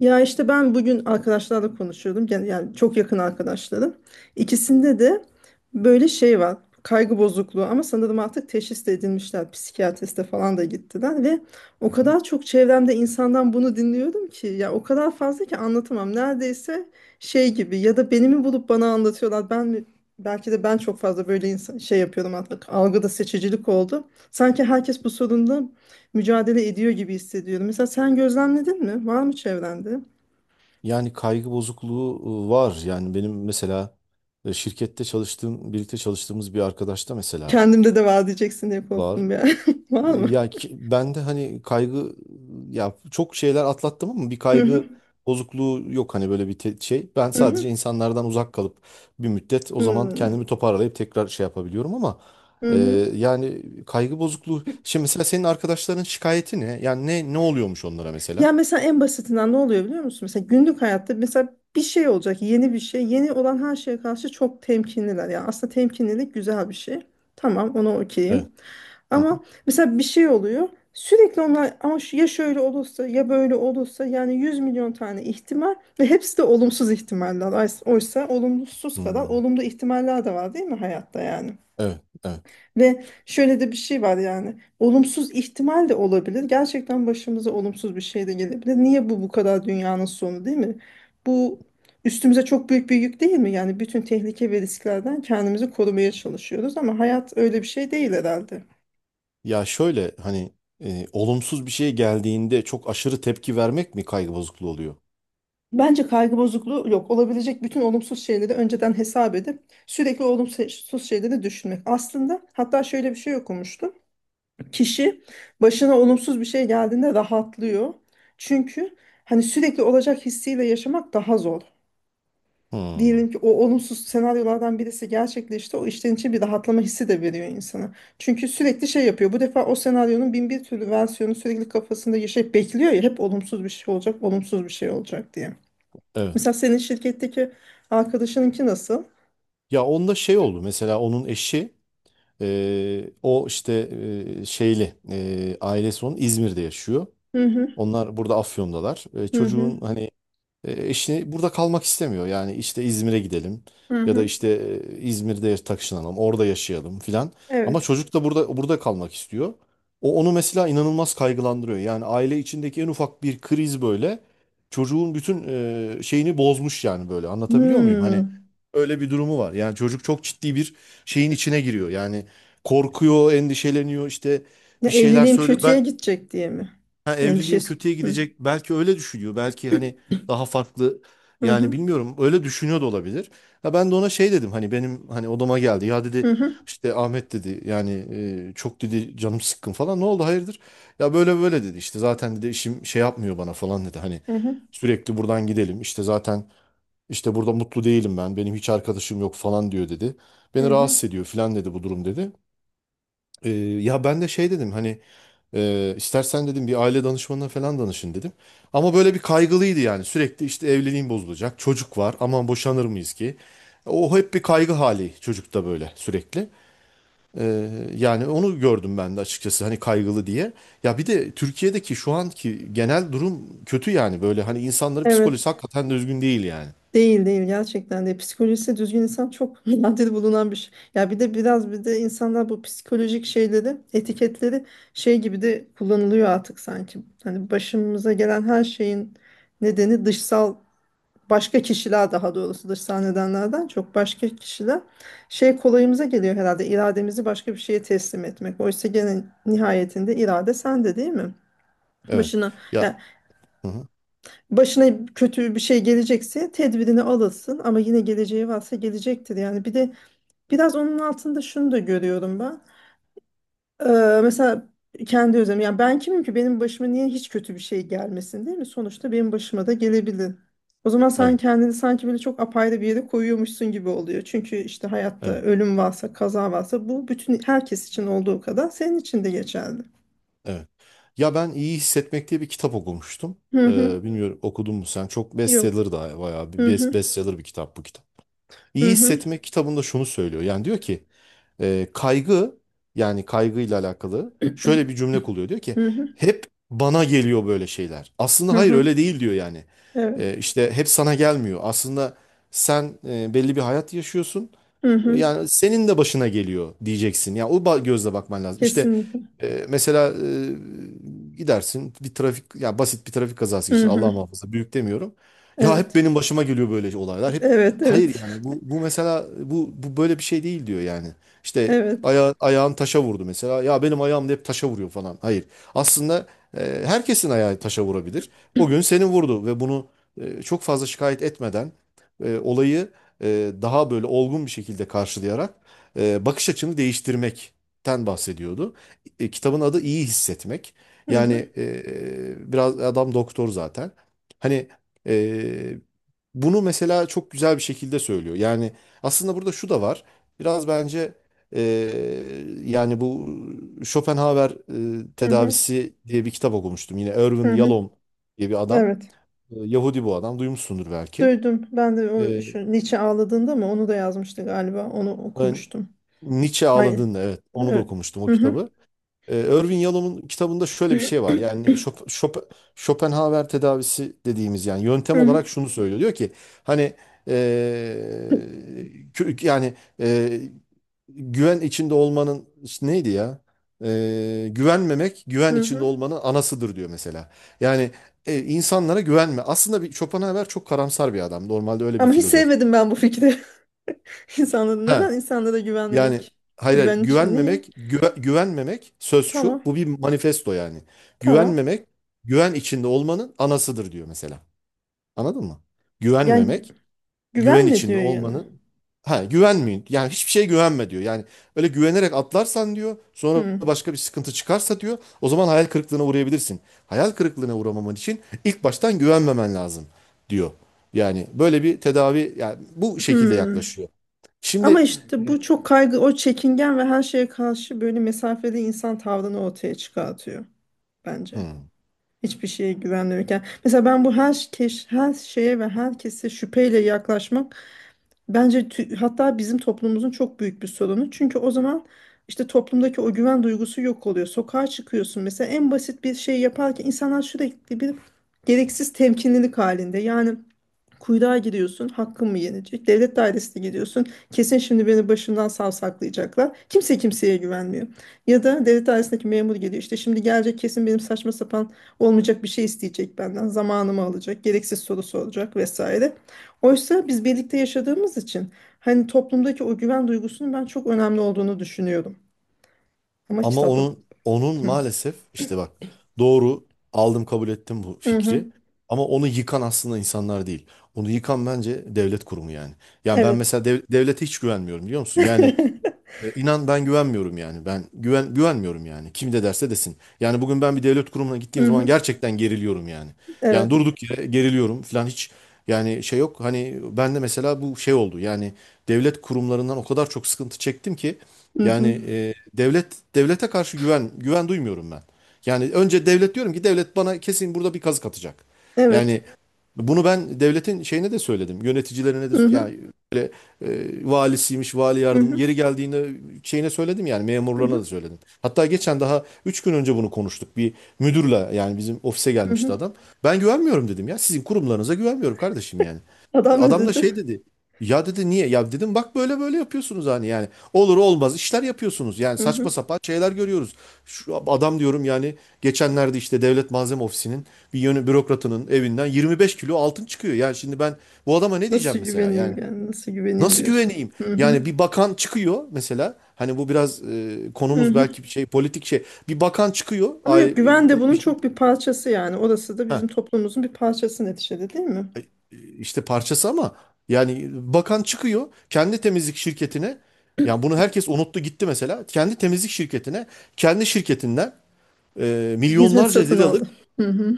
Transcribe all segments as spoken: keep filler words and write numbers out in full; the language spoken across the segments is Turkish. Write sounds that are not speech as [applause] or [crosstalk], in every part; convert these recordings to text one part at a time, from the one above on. Ya işte ben bugün arkadaşlarla konuşuyordum. Gen- Yani çok yakın arkadaşlarım. İkisinde de böyle şey var. Kaygı bozukluğu ama sanırım artık teşhis de edilmişler. Psikiyatriste falan da gittiler ve o kadar çok çevremde insandan bunu dinliyorum ki ya o kadar fazla ki anlatamam. Neredeyse şey gibi ya da beni mi bulup bana anlatıyorlar. Ben mi belki de ben çok fazla böyle insan, şey yapıyorum artık. Algıda seçicilik oldu. Sanki herkes bu sorunla mücadele ediyor gibi hissediyorum. Mesela sen gözlemledin mi? Var mı çevrende? Yani kaygı bozukluğu e, var. Yani benim mesela e, şirkette çalıştığım, birlikte çalıştığımız bir arkadaşta mesela Kendimde de vaat diyeceksin diye var. korktum ya. [laughs] Var E, mı? Ya ki- ben de hani kaygı ya çok şeyler atlattım ama bir Hı hı. kaygı bozukluğu yok hani böyle bir te- şey. Ben Hı hı. sadece insanlardan uzak kalıp bir müddet o zaman Hı kendimi toparlayıp tekrar şey yapabiliyorum ama hı. e, Hı. yani kaygı bozukluğu. Şimdi mesela senin arkadaşların şikayeti ne? Yani ne ne oluyormuş onlara mesela? Ya mesela en basitinden ne oluyor biliyor musun? Mesela günlük hayatta mesela bir şey olacak, yeni bir şey. Yeni olan her şeye karşı çok temkinliler. Ya aslında temkinlilik güzel bir şey. Tamam, ona Evet. okeyim. Hı hı. Ama mesela bir şey oluyor. Sürekli onlar ama şu- ya şöyle olursa ya böyle olursa yani yüz milyon tane ihtimal ve hepsi de olumsuz ihtimaller. Oysa oysa olumsuz kadar Hmm. olumlu ihtimaller de var değil mi hayatta yani? Evet, evet. Ve şöyle de bir şey var yani. Olumsuz ihtimal de olabilir. Gerçekten başımıza olumsuz bir şey de gelebilir. Niye bu bu kadar dünyanın sonu değil mi? Bu üstümüze çok büyük bir yük değil mi? Yani bütün tehlike ve risklerden kendimizi korumaya çalışıyoruz ama hayat öyle bir şey değil herhalde. Ya şöyle hani e, olumsuz bir şey geldiğinde çok aşırı tepki vermek mi kaygı bozukluğu oluyor? Bence kaygı bozukluğu yok. Olabilecek bütün olumsuz şeyleri önceden hesap edip sürekli olumsuz şeyleri düşünmek. Aslında hatta şöyle bir şey okumuştum. Kişi başına olumsuz bir şey geldiğinde rahatlıyor. Çünkü hani sürekli olacak hissiyle yaşamak daha zor. Hmm, Diyelim ki o olumsuz senaryolardan birisi gerçekleşti. O işten için bir rahatlama hissi de veriyor insana. Çünkü sürekli şey yapıyor. Bu defa o senaryonun bin bir türlü versiyonu sürekli kafasında yaşayıp bekliyor ya hep olumsuz bir şey olacak, olumsuz bir şey olacak diye. evet. Mesela senin şirketteki arkadaşınınki nasıl? Ya onda şey oldu mesela onun eşi e, o işte e, şeyli e, ailesi onun İzmir'de yaşıyor. Hı, hı Onlar burada Afyon'dalar. E, hı, hı çocuğun hani E, eşi burada kalmak istemiyor. Yani işte İzmir'e gidelim hı, ya da hı. işte e, İzmir'de taşınalım, orada yaşayalım filan. Ama Evet. çocuk da burada burada kalmak istiyor. O onu mesela inanılmaz kaygılandırıyor. Yani aile içindeki en ufak bir kriz böyle çocuğun bütün e, şeyini bozmuş yani böyle. Anlatabiliyor muyum? Hani Hmm. öyle bir durumu var. Yani çocuk çok ciddi bir şeyin içine giriyor. Yani korkuyor, endişeleniyor işte Ya bir şeyler evliliğim söylüyor. Ben kötüye gidecek diye mi? Ha, evliliğim Endişesi. kötüye Hı. gidecek. Belki öyle düşünüyor. Belki hani daha farklı Hı yani hı. bilmiyorum öyle düşünüyor da olabilir. Ha, ben de ona şey dedim hani benim hani odama geldi. Ya Hı dedi hı. işte Ahmet dedi yani e, çok dedi canım sıkkın falan. Ne oldu hayırdır? Ya böyle böyle dedi işte zaten dedi işim şey yapmıyor bana falan dedi. Hani Hı hı. sürekli buradan gidelim işte zaten işte burada mutlu değilim ben. Benim hiç arkadaşım yok falan diyor dedi. Hı Beni hı. rahatsız ediyor falan dedi bu durum dedi. E, Ya ben de şey dedim hani ee, istersen dedim bir aile danışmanına falan danışın dedim. Ama böyle bir kaygılıydı yani. Sürekli işte evliliğim bozulacak. Çocuk var. Aman boşanır mıyız ki? O hep bir kaygı hali çocukta böyle sürekli. Ee, yani onu gördüm ben de açıkçası hani kaygılı diye. Ya bir de Türkiye'deki şu anki genel durum kötü yani. Böyle hani insanların Evet. psikolojisi hakikaten düzgün değil yani. Değil değil, gerçekten de psikolojisi düzgün insan çok [laughs] nadir bulunan bir şey. Ya bir de biraz bir de insanlar bu psikolojik şeyleri, etiketleri şey gibi de kullanılıyor artık sanki. Hani başımıza gelen her şeyin nedeni dışsal, başka kişiler, daha doğrusu dışsal nedenlerden çok başka kişiler, şey kolayımıza geliyor herhalde irademizi başka bir şeye teslim etmek. Oysa gene nihayetinde irade sende değil mi? Evet. Başına Ya. yani Hı hı. başına kötü bir şey gelecekse tedbirini alırsın ama yine geleceği varsa gelecektir. Yani bir de biraz onun altında şunu da görüyorum ben. Ee, mesela kendi özelim. Yani ben kimim ki benim başıma niye hiç kötü bir şey gelmesin değil mi? Sonuçta benim başıma da gelebilir. O zaman sen Evet. kendini sanki böyle çok apayrı bir yere koyuyormuşsun gibi oluyor. Çünkü işte hayatta Evet. ölüm varsa, kaza varsa bu bütün herkes için olduğu kadar senin için de geçerli. Evet. Ya ben iyi hissetmek diye bir kitap okumuştum. Hı hı. Ee, bilmiyorum okudun mu sen? Çok Yok. bestseller da bayağı bir Hı best- hı. bestseller bir kitap bu kitap. İyi Hı hı. hissetmek kitabında şunu söylüyor. Yani diyor ki e, kaygı yani kaygıyla alakalı şöyle bir cümle kuruyor. Diyor [clears throat] ki Hı hı. hep bana geliyor böyle şeyler. Aslında Hı hayır hı. öyle değil diyor yani. Evet. E, işte hep sana gelmiyor. Aslında sen e, belli bir hayat yaşıyorsun. Hı hı. Yani senin de başına geliyor diyeceksin. Ya o ba- gözle bakman lazım. İşte Kesinlikle. e, mesela e, gidersin bir trafik ya basit bir trafik kazası Hı geçirdin. Allah hı. muhafaza büyük demiyorum. Ya hep Evet. benim başıma geliyor böyle olaylar. Hep Evet, hayır evet. yani [laughs] bu bu mesela bu bu böyle bir şey değil diyor yani. İşte Evet. aya, ayağın taşa vurdu mesela. Ya benim ayağım da hep taşa vuruyor falan. Hayır. Aslında e, herkesin ayağı taşa vurabilir. O gün senin vurdu ve bunu e, çok fazla şikayet etmeden e, olayı e, daha böyle olgun bir şekilde karşılayarak e, bakış açını değiştirmekten bahsediyordu. E, kitabın adı İyi Hissetmek. Hı Yani hı. e, e, biraz adam doktor zaten. Hani e, bunu mesela çok güzel bir şekilde söylüyor. Yani aslında burada şu da var. Biraz bence e, yani bu Schopenhauer e, Hı hı. tedavisi diye bir kitap okumuştum. Yine Erwin Hı hı. Yalom diye bir adam. Evet. E, Yahudi bu adam. Duymuşsundur belki. Duydum. Ben de o E, şu Nietzsche ağladığında mı onu da yazmıştı galiba. Onu ben- okumuştum. Nietzsche Ay, ağladığında evet onu da evet. okumuştum o Hı hı. kitabı. Ee, Irving Yalom'un kitabında şöyle bir şey var. Yani Schop- Schop- Schopenhauer tedavisi dediğimiz yani yöntem Hı hı. olarak şunu söylüyor. Diyor ki hani ee, kö- yani ee, güven içinde olmanın işte neydi ya? Ee, güvenmemek güven Hı içinde hı. olmanın anasıdır diyor mesela. Yani e, insanlara güvenme. Aslında bir Schopenhauer çok karamsar bir adam. Normalde öyle bir Ama hiç filozof. sevmedim ben bu fikri. [laughs] İnsanlara He. neden insanlara Yani güvenmemek? hayır, hayır Güven için niye? güvenmemek, güve- güvenmemek söz şu. Tamam. Bu bir manifesto yani. Tamam. Güvenmemek güven içinde olmanın anasıdır diyor mesela. Anladın mı? Yani Güvenmemek güven güvenme içinde diyor yani. olmanın ha güvenmeyin. Yani hiçbir şeye güvenme diyor. Yani öyle güvenerek atlarsan diyor, sonra Hı. başka bir sıkıntı çıkarsa diyor, o zaman hayal kırıklığına uğrayabilirsin. Hayal kırıklığına uğramaman için ilk baştan güvenmemen lazım diyor. Yani böyle bir tedavi yani bu şekilde Hı. yaklaşıyor. Ama Şimdi işte bu çok kaygı, o çekingen ve her şeye karşı böyle mesafeli insan tavrını ortaya çıkartıyor bence. hı. Hiçbir şeye güvenmiyorken. Mesela ben bu her, keş, her şeye ve herkese şüpheyle yaklaşmak bence tü- hatta bizim toplumumuzun çok büyük bir sorunu. Çünkü o zaman işte toplumdaki o güven duygusu yok oluyor. Sokağa çıkıyorsun mesela en basit bir şey yaparken insanlar sürekli bir gereksiz temkinlilik halinde. Yani kuyruğa giriyorsun, hakkın mı yenecek? Devlet dairesine gidiyorsun, kesin şimdi beni başımdan savsaklayacaklar. Kimse kimseye güvenmiyor. Ya da devlet dairesindeki memur geliyor, işte şimdi gelecek kesin benim saçma sapan olmayacak bir şey isteyecek benden, zamanımı alacak, gereksiz soru soracak vesaire. Oysa biz birlikte yaşadığımız için hani toplumdaki o güven duygusunun ben çok önemli olduğunu düşünüyorum. Ama Ama kitapta... onun onun maalesef işte bak doğru aldım kabul ettim bu Hı hı. fikri. Ama onu yıkan aslında insanlar değil. Onu yıkan bence devlet kurumu yani. Yani ben Evet. mesela dev- devlete hiç güvenmiyorum biliyor musun? [laughs] Yani e, inan ben güvenmiyorum yani. Ben güven güvenmiyorum yani. Kim de derse desin. Yani bugün ben bir devlet kurumuna gittiğim Hı zaman hı. gerçekten geriliyorum yani. Yani Evet. durduk yere geriliyorum falan hiç yani şey yok. Hani ben de mesela bu şey oldu. Yani devlet kurumlarından o kadar çok sıkıntı çektim ki Hı hı. yani e, devlet devlete karşı güven güven duymuyorum ben. Yani önce devlet diyorum ki devlet bana kesin burada bir kazık atacak. Evet. Yani bunu ben devletin şeyine de söyledim. Yöneticilerine de Hı hı. yani e, valisiymiş, vali Hı yardım. hı. Yeri geldiğinde şeyine söyledim yani Hı memurlarına da hı. söyledim. Hatta geçen daha üç gün önce bunu konuştuk. Bir müdürle yani bizim ofise Hı gelmişti hı. adam. Ben güvenmiyorum dedim ya. Sizin kurumlarınıza güvenmiyorum kardeşim yani. Adam ne Adam da dedi? şey dedi. Ya dedi niye? Ya dedim bak böyle böyle yapıyorsunuz hani yani. Olur olmaz işler yapıyorsunuz. Yani Hı saçma hı. sapan şeyler görüyoruz. Şu adam diyorum yani geçenlerde işte Devlet Malzeme Ofisi'nin bir yönü bürokratının evinden yirmi beş kilo altın çıkıyor. Yani şimdi ben bu adama ne Nasıl diyeceğim mesela? güveneyim Yani yani? Nasıl güveneyim nasıl diyorsun. güveneyim? Hı hı. Yani bir bakan çıkıyor mesela. Hani bu biraz e, Hı konumuz hı. belki bir şey politik şey. Bir bakan çıkıyor. Ama Ay, yok, güven de e, bir bunun şey. çok bir parçası yani. Orası da bizim Ha, toplumumuzun bir parçası neticede değil mi? e, işte parçası ama yani bakan çıkıyor kendi temizlik şirketine. Yani bunu herkes unuttu gitti mesela. Kendi temizlik şirketine, kendi şirketinden e, Hizmet milyonlarca satın liralık aldı. Hı hı.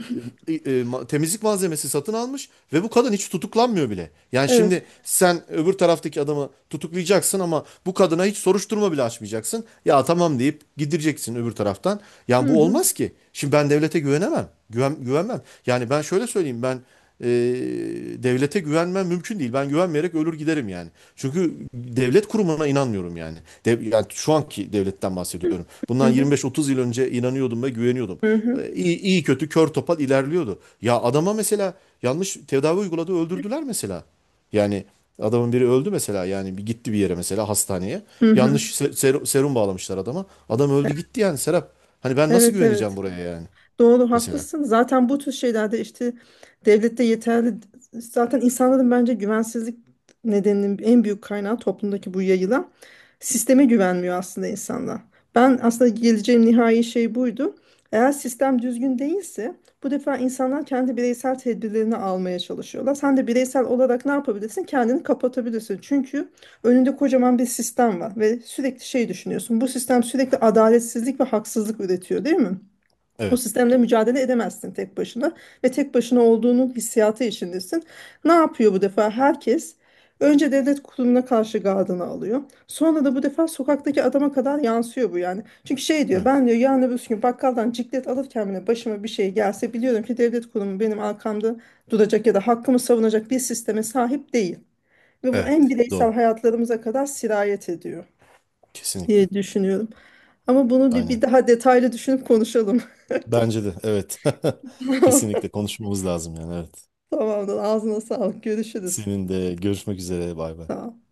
e, e, temizlik malzemesi satın almış ve bu kadın hiç tutuklanmıyor bile. Yani Evet. şimdi sen öbür taraftaki adamı tutuklayacaksın ama bu kadına hiç soruşturma bile açmayacaksın. Ya tamam deyip gidireceksin öbür taraftan. Yani Hı bu hı. olmaz ki. Şimdi ben devlete güvenemem. Güven, güvenmem. Yani ben şöyle söyleyeyim ben e, devlete güvenmem mümkün değil. Ben güvenmeyerek ölür giderim yani. Çünkü devlet kurumuna inanmıyorum yani. Dev, yani şu anki devletten bahsediyorum. Hı Bundan hı. yirmi beş otuz yıl önce inanıyordum ve güveniyordum. Hı hı. E, İyi, iyi kötü kör topal ilerliyordu. Ya adama mesela yanlış tedavi uyguladı öldürdüler mesela. Yani adamın biri öldü mesela yani bir gitti bir yere mesela hastaneye. Hı hı. Yanlış se- ser- serum bağlamışlar adama. Adam öldü gitti yani Serap. Hani ben nasıl Evet, güveneceğim evet. buraya yani Doğru, mesela. haklısın. Zaten bu tür şeylerde işte devlette yeterli, zaten insanların bence güvensizlik nedeninin en büyük kaynağı toplumdaki bu yayılan sisteme güvenmiyor aslında insanlar. Ben aslında geleceğim nihai şey buydu. Eğer sistem düzgün değilse bu defa insanlar kendi bireysel tedbirlerini almaya çalışıyorlar. Sen de bireysel olarak ne yapabilirsin? Kendini kapatabilirsin. Çünkü önünde kocaman bir sistem var ve sürekli şey düşünüyorsun. Bu sistem sürekli adaletsizlik ve haksızlık üretiyor, değil mi? O Evet. sistemle mücadele edemezsin tek başına ve tek başına olduğunun hissiyatı içindesin. Ne yapıyor bu defa? Herkes önce devlet kurumuna karşı gardını alıyor. Sonra da bu defa sokaktaki adama kadar yansıyor bu yani. Çünkü şey diyor, Evet. ben diyor yarın öbür gün bakkaldan ciklet alırken bile başıma bir şey gelse biliyorum ki devlet kurumu benim arkamda duracak ya da hakkımı savunacak bir sisteme sahip değil. Ve bu en Evet. bireysel Doğru. hayatlarımıza kadar sirayet ediyor Kesinlikle. diye düşünüyorum. Ama bunu bir, bir Aynen. daha detaylı düşünüp konuşalım. Bence de evet. [laughs] [laughs] Kesinlikle konuşmamız lazım yani evet. Tamamdır. Ağzına sağlık. Görüşürüz. Senin de görüşmek üzere bay bay. Tamam.